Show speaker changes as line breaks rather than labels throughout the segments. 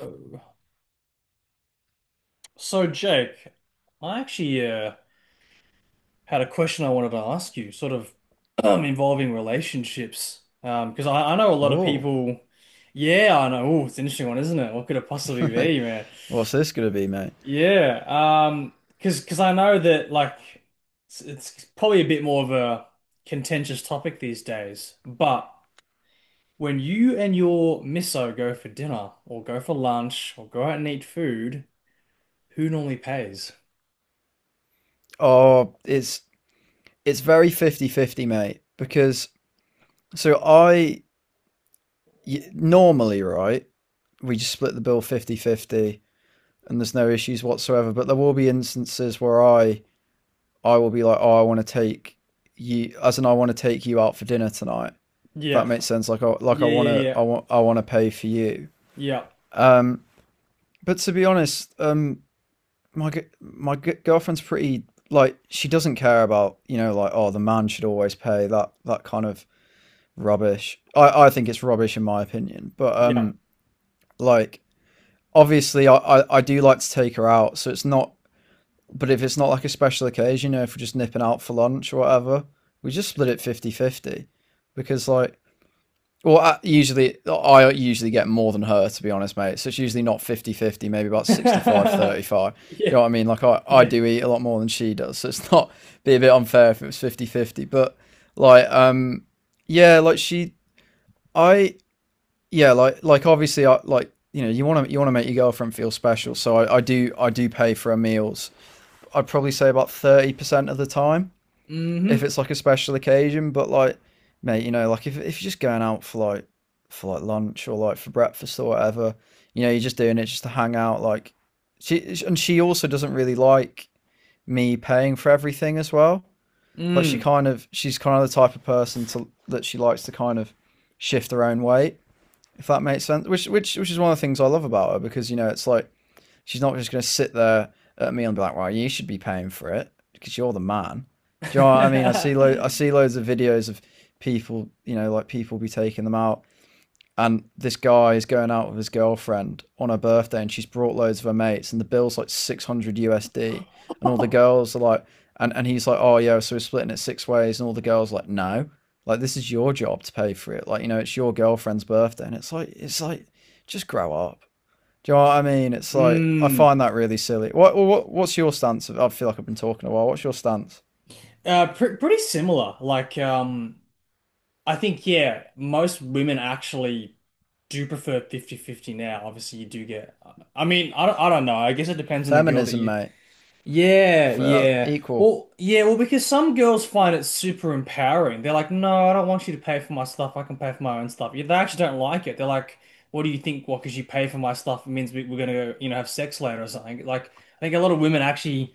Oh. So, Jake, I actually had a question I wanted to ask you, sort of involving relationships. Because I know a lot of
Oh,
people, yeah, I know. Oh, it's an interesting one, isn't it? What could it possibly be, man?
what's this going to be, mate?
Yeah, because I know that like it's probably a bit more of a contentious topic these days. But when you and your misso go for dinner or go for lunch or go out and eat food, who normally pays?
Oh, it's very 50 50, mate, because so I normally, right, we just split the bill 50 50, and there's no issues whatsoever, but there will be instances where I will be like, "Oh, I want to take you as in I want to take you out for dinner tonight." If
Yeah,
that makes sense. Like
yeah, yeah, yeah.
I want to pay for you.
Yeah.
Um but to be honest, my my girlfriend's pretty, like, she doesn't care about like, oh, the man should always pay, that kind of rubbish. I think it's rubbish in my opinion, but
Yeah.
like, obviously I do like to take her out, so it's not. But if it's not like a special occasion, you know, if we're just nipping out for lunch or whatever, we just split it 50 50 because, like, well, I usually get more than her, to be honest, mate. So it's usually not 50-50. Maybe about 65, 35. Do
Yeah.
you know what I mean? Like, I
Yeah.
do eat a lot more than she does, so it's not be a bit unfair if it was 50-50. But like, yeah, like, she I yeah, like obviously, I like, you know, you want to make your girlfriend feel special, so I do pay for her meals. I'd probably say about 30% of the time, if
hmm
it's like a special occasion. But, like, mate, you know, like, if you're just going out for for like lunch or like for breakfast or whatever, you know, you're just doing it just to hang out. Like, she also doesn't really like me paying for everything as well. Like,
Mm.
she's kind of the type of person to, that she likes to kind of shift her own weight, if that makes sense. Which is one of the things I love about her, because, you know, it's like she's not just going to sit there at me and be like, "Well, you should be paying for it because you're the man." Do you know what I mean? I see loads of videos of people, you know, like, people be taking them out, and this guy is going out with his girlfriend on her birthday, and she's brought loads of her mates, and the bill's like 600 USD, and all the girls are like, and he's like, "Oh, yeah, so we're splitting it six ways," and all the girls are like, "No." Like, this is your job to pay for it. Like, you know, it's your girlfriend's birthday, and it's like just grow up. Do you know what I mean? It's like, I
Mm.
find that really silly. What's your stance? I feel like I've been talking a while. What's your stance?
Pr Pretty similar. Like, I think, yeah, most women actually do prefer 50-50 now. Obviously, you do get, I mean, I don't know. I guess it depends on the girl that
Feminism,
you—
mate.
Yeah,
For
yeah.
equal.
Well, yeah, well, because some girls find it super empowering. They're like, no, I don't want you to pay for my stuff. I can pay for my own stuff. Yeah, they actually don't like it. They're like, what do you think? What, because you pay for my stuff, it means we're gonna, you know, have sex later or something. Like, I think a lot of women actually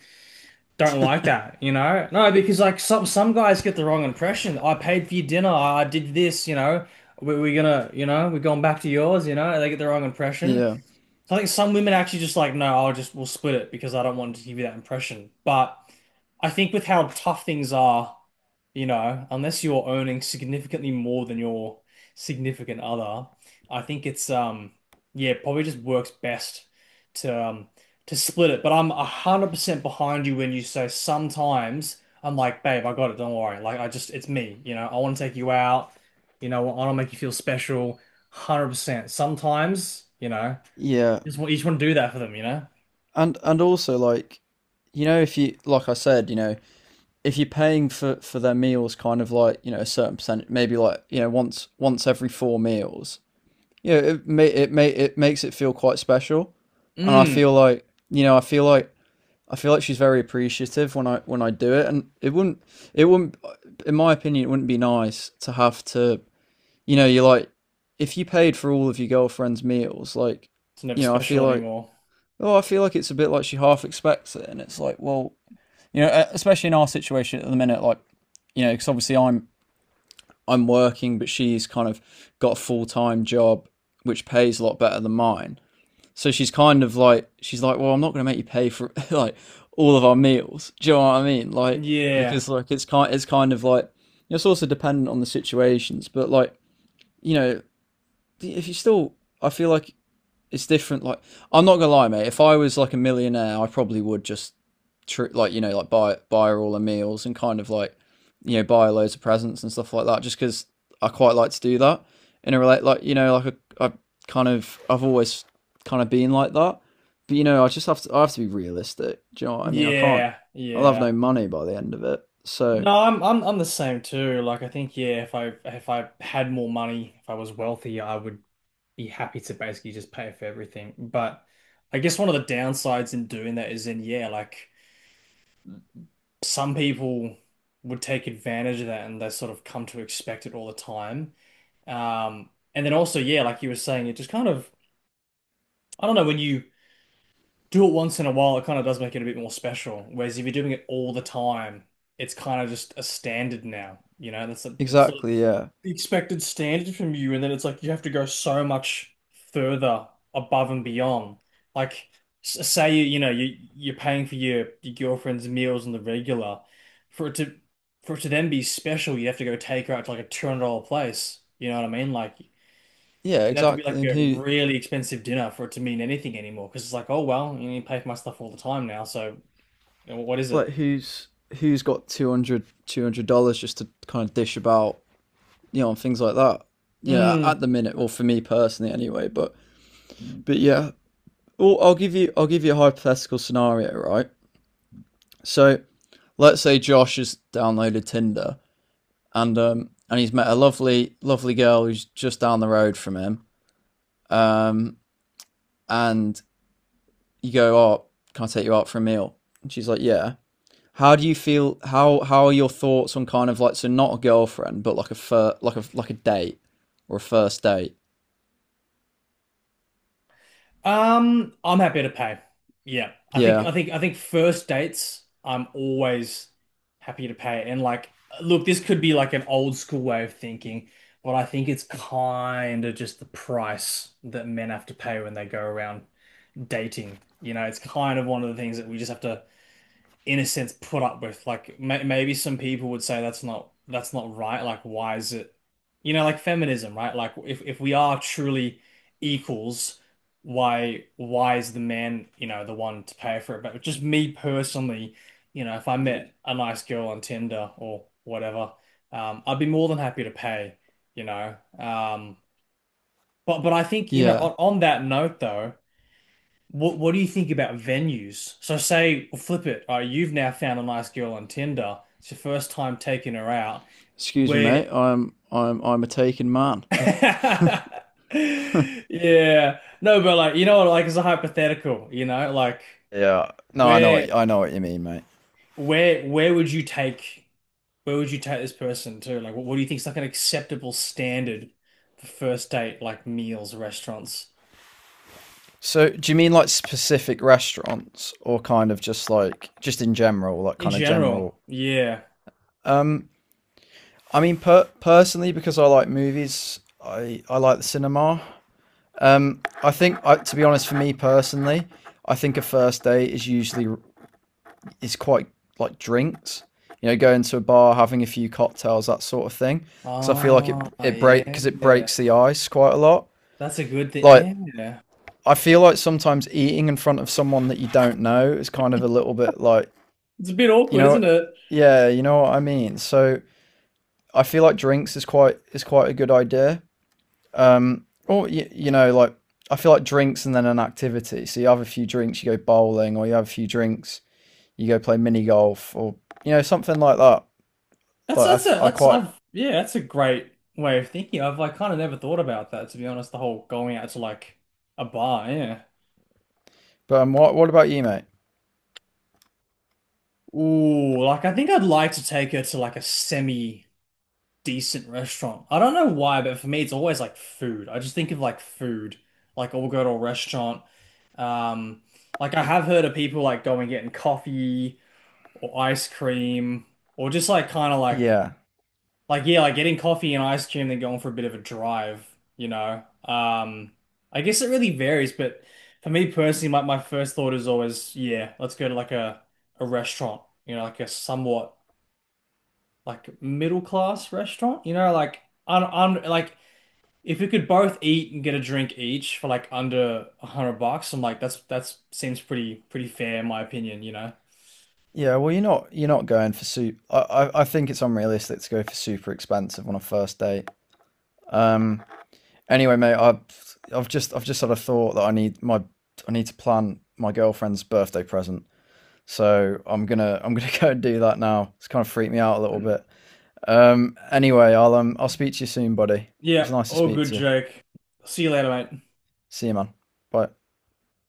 don't like that, you know? No, because like some guys get the wrong impression. I paid for your dinner. I did this, you know. We're gonna, you know, we're going back to yours, you know. They get the wrong impression.
Yeah.
So I think some women actually just like, no, I'll just we'll split it because I don't want to give you that impression. But I think with how tough things are, you know, unless you're earning significantly more than your significant other, I think it's yeah, probably just works best to to split it. But I'm 100% behind you when you say sometimes I'm like, babe, I got it, don't worry. Like I just it's me, you know, I want to take you out, you know, I want to make you feel special, 100%. Sometimes, you know.
Yeah.
You just want to do that for them, you know?
And also, like, you know, if you, like I said, you know, if you're paying for their meals kind of, like, you know, a certain percentage, maybe, like, you know, once every four meals. You know, it makes it feel quite special. And I
Mm.
feel like, you know, I feel like she's very appreciative when I do it, and it wouldn't in my opinion, it wouldn't be nice to have to, you know, you're like, if you paid for all of your girlfriend's meals, like,
It's never
you know,
special anymore.
I feel like it's a bit like she half expects it, and it's like, well, you know, especially in our situation at the minute, like, you know, because obviously, I'm working, but she's kind of got a full time job which pays a lot better than mine, so she's like, "Well, I'm not going to make you pay for like all of our meals." Do you know what I mean? Like,
Yeah.
because, like, it's kind of like, it's also dependent on the situations. But, like, you know, if you still, I feel like it's different. Like, I'm not gonna lie, mate. If I was like a millionaire, I probably would just like, you know, like, buy her all her meals, and kind of like, you know, buy her loads of presents and stuff like that. Just because I quite like to do that in a relate, like, you know, like, I, I I've always kind of been like that. But, you know, I have to be realistic. Do you know what I mean? I can't.
Yeah.
I'll have no
Yeah.
money by the end of it. So
No, I'm I'm the same too. Like I think yeah, if I had more money, if I was wealthy, I would be happy to basically just pay for everything. But I guess one of the downsides in doing that is in yeah, like some people would take advantage of that and they sort of come to expect it all the time. And then also, yeah, like you were saying, it just kind of, I don't know, when you do it once in a while, it kind of does make it a bit more special. Whereas if you're doing it all the time, it's kind of just a standard now. You know, that's sort of
exactly, yeah,
the expected standard from you, and then it's like you have to go so much further above and beyond. Like, s- say you you know you're paying for your girlfriend's meals on the regular, for it to for it to then be special, you have to go take her out to like a $200 place. You know what I mean? Like.
yeah,
It'd have to be
exactly.
like
And
a really expensive dinner for it to mean anything anymore. Because it's like, oh well, you pay for my stuff all the time now. So you know, what is it?
like who's who's got $200 just to kind of dish about, you know, and things like that. Yeah,
Mm.
at the minute, or for me personally, anyway. But yeah, well, I'll give you a hypothetical scenario, right? So let's say Josh has downloaded Tinder and he's met a lovely lovely girl who's just down the road from him. Um, and you go, "Oh, can I take you out for a meal?" And she's like, "Yeah." How do you feel? How are your thoughts on kind of, like, so not a girlfriend, but like like a date or a first date?
I'm happy to pay. Yeah, I think
Yeah,
I think I think first dates, I'm always happy to pay. And like, look, this could be like an old school way of thinking, but I think it's kind of just the price that men have to pay when they go around dating. You know, it's kind of one of the things that we just have to in a sense put up with. Like maybe some people would say that's not right. Like why is it, you know, like feminism, right? Like if we are truly equals, why is the man, you know, the one to pay for it? But just me personally, you know, if I met a nice girl on Tinder or whatever, I'd be more than happy to pay, you know. But I think, you know,
yeah.
on that note though, what do you think about venues? So say, well, flip it. You've now found a nice girl on Tinder. It's your first time taking her out.
Excuse me,
Where—
mate. I'm a taken man.
Yeah. No, but like you know what, like it's a hypothetical, you know, like
Yeah. No,
where
I know what you mean, mate.
where would you take this person to? Like what do you think is like an acceptable standard for first date, like meals, restaurants
So, do you mean like specific restaurants or kind of just like just in general, like
in
kind of
general?
general?
Yeah.
Um, I mean, personally, because I like movies, I like the cinema. I think to be honest, for me personally, I think a first date is usually, is quite like, drinks. You know, going to a bar, having a few cocktails, that sort of thing. Because I feel like
Oh,
it
yeah.
breaks the ice quite a lot.
That's a good thing.
Like,
Yeah.
I feel like sometimes eating in front of someone that you don't know is kind of a little bit like,
It's a bit
you
awkward, isn't
know,
it?
yeah, you know what I mean. So I feel like drinks is quite a good idea. Or you, you know, like, I feel like drinks and then an activity. So you have a few drinks, you go bowling, or you have a few drinks, you go play mini golf, or, you know, something like that.
That's
Like,
that's a
I
that's
quite.
I've, yeah, that's a great way of thinking. I've like kind of never thought about that, to be honest, the whole going out to like a bar, yeah.
But what about you, mate?
Ooh, like I think I'd like to take her to like a semi decent restaurant. I don't know why, but for me it's always like food. I just think of like food. Like oh, we'll go to a restaurant. Um like I have heard of people like going getting coffee or ice cream or just like kind of like—
Yeah,
Like yeah, like getting coffee and ice cream, then going for a bit of a drive, you know. I guess it really varies, but for me personally, my first thought is always, yeah, let's go to like a restaurant, you know, like a somewhat like middle class restaurant, you know, like on like if we could both eat and get a drink each for like under 100 bucks, I'm like that's seems pretty pretty fair in my opinion, you know.
yeah. Well, you're not going for super. I think it's unrealistic to go for super expensive on a first date. Um. Anyway, mate, I've just had a thought that I need to plan my girlfriend's birthday present. So I'm gonna I'm gonna go and do that now. It's kind of freaked me out a little bit. Anyway, I'll speak to you soon, buddy. It was
Yeah,
nice to
all
speak
good,
to you.
Jake. See you later, mate.
See you, man. Bye.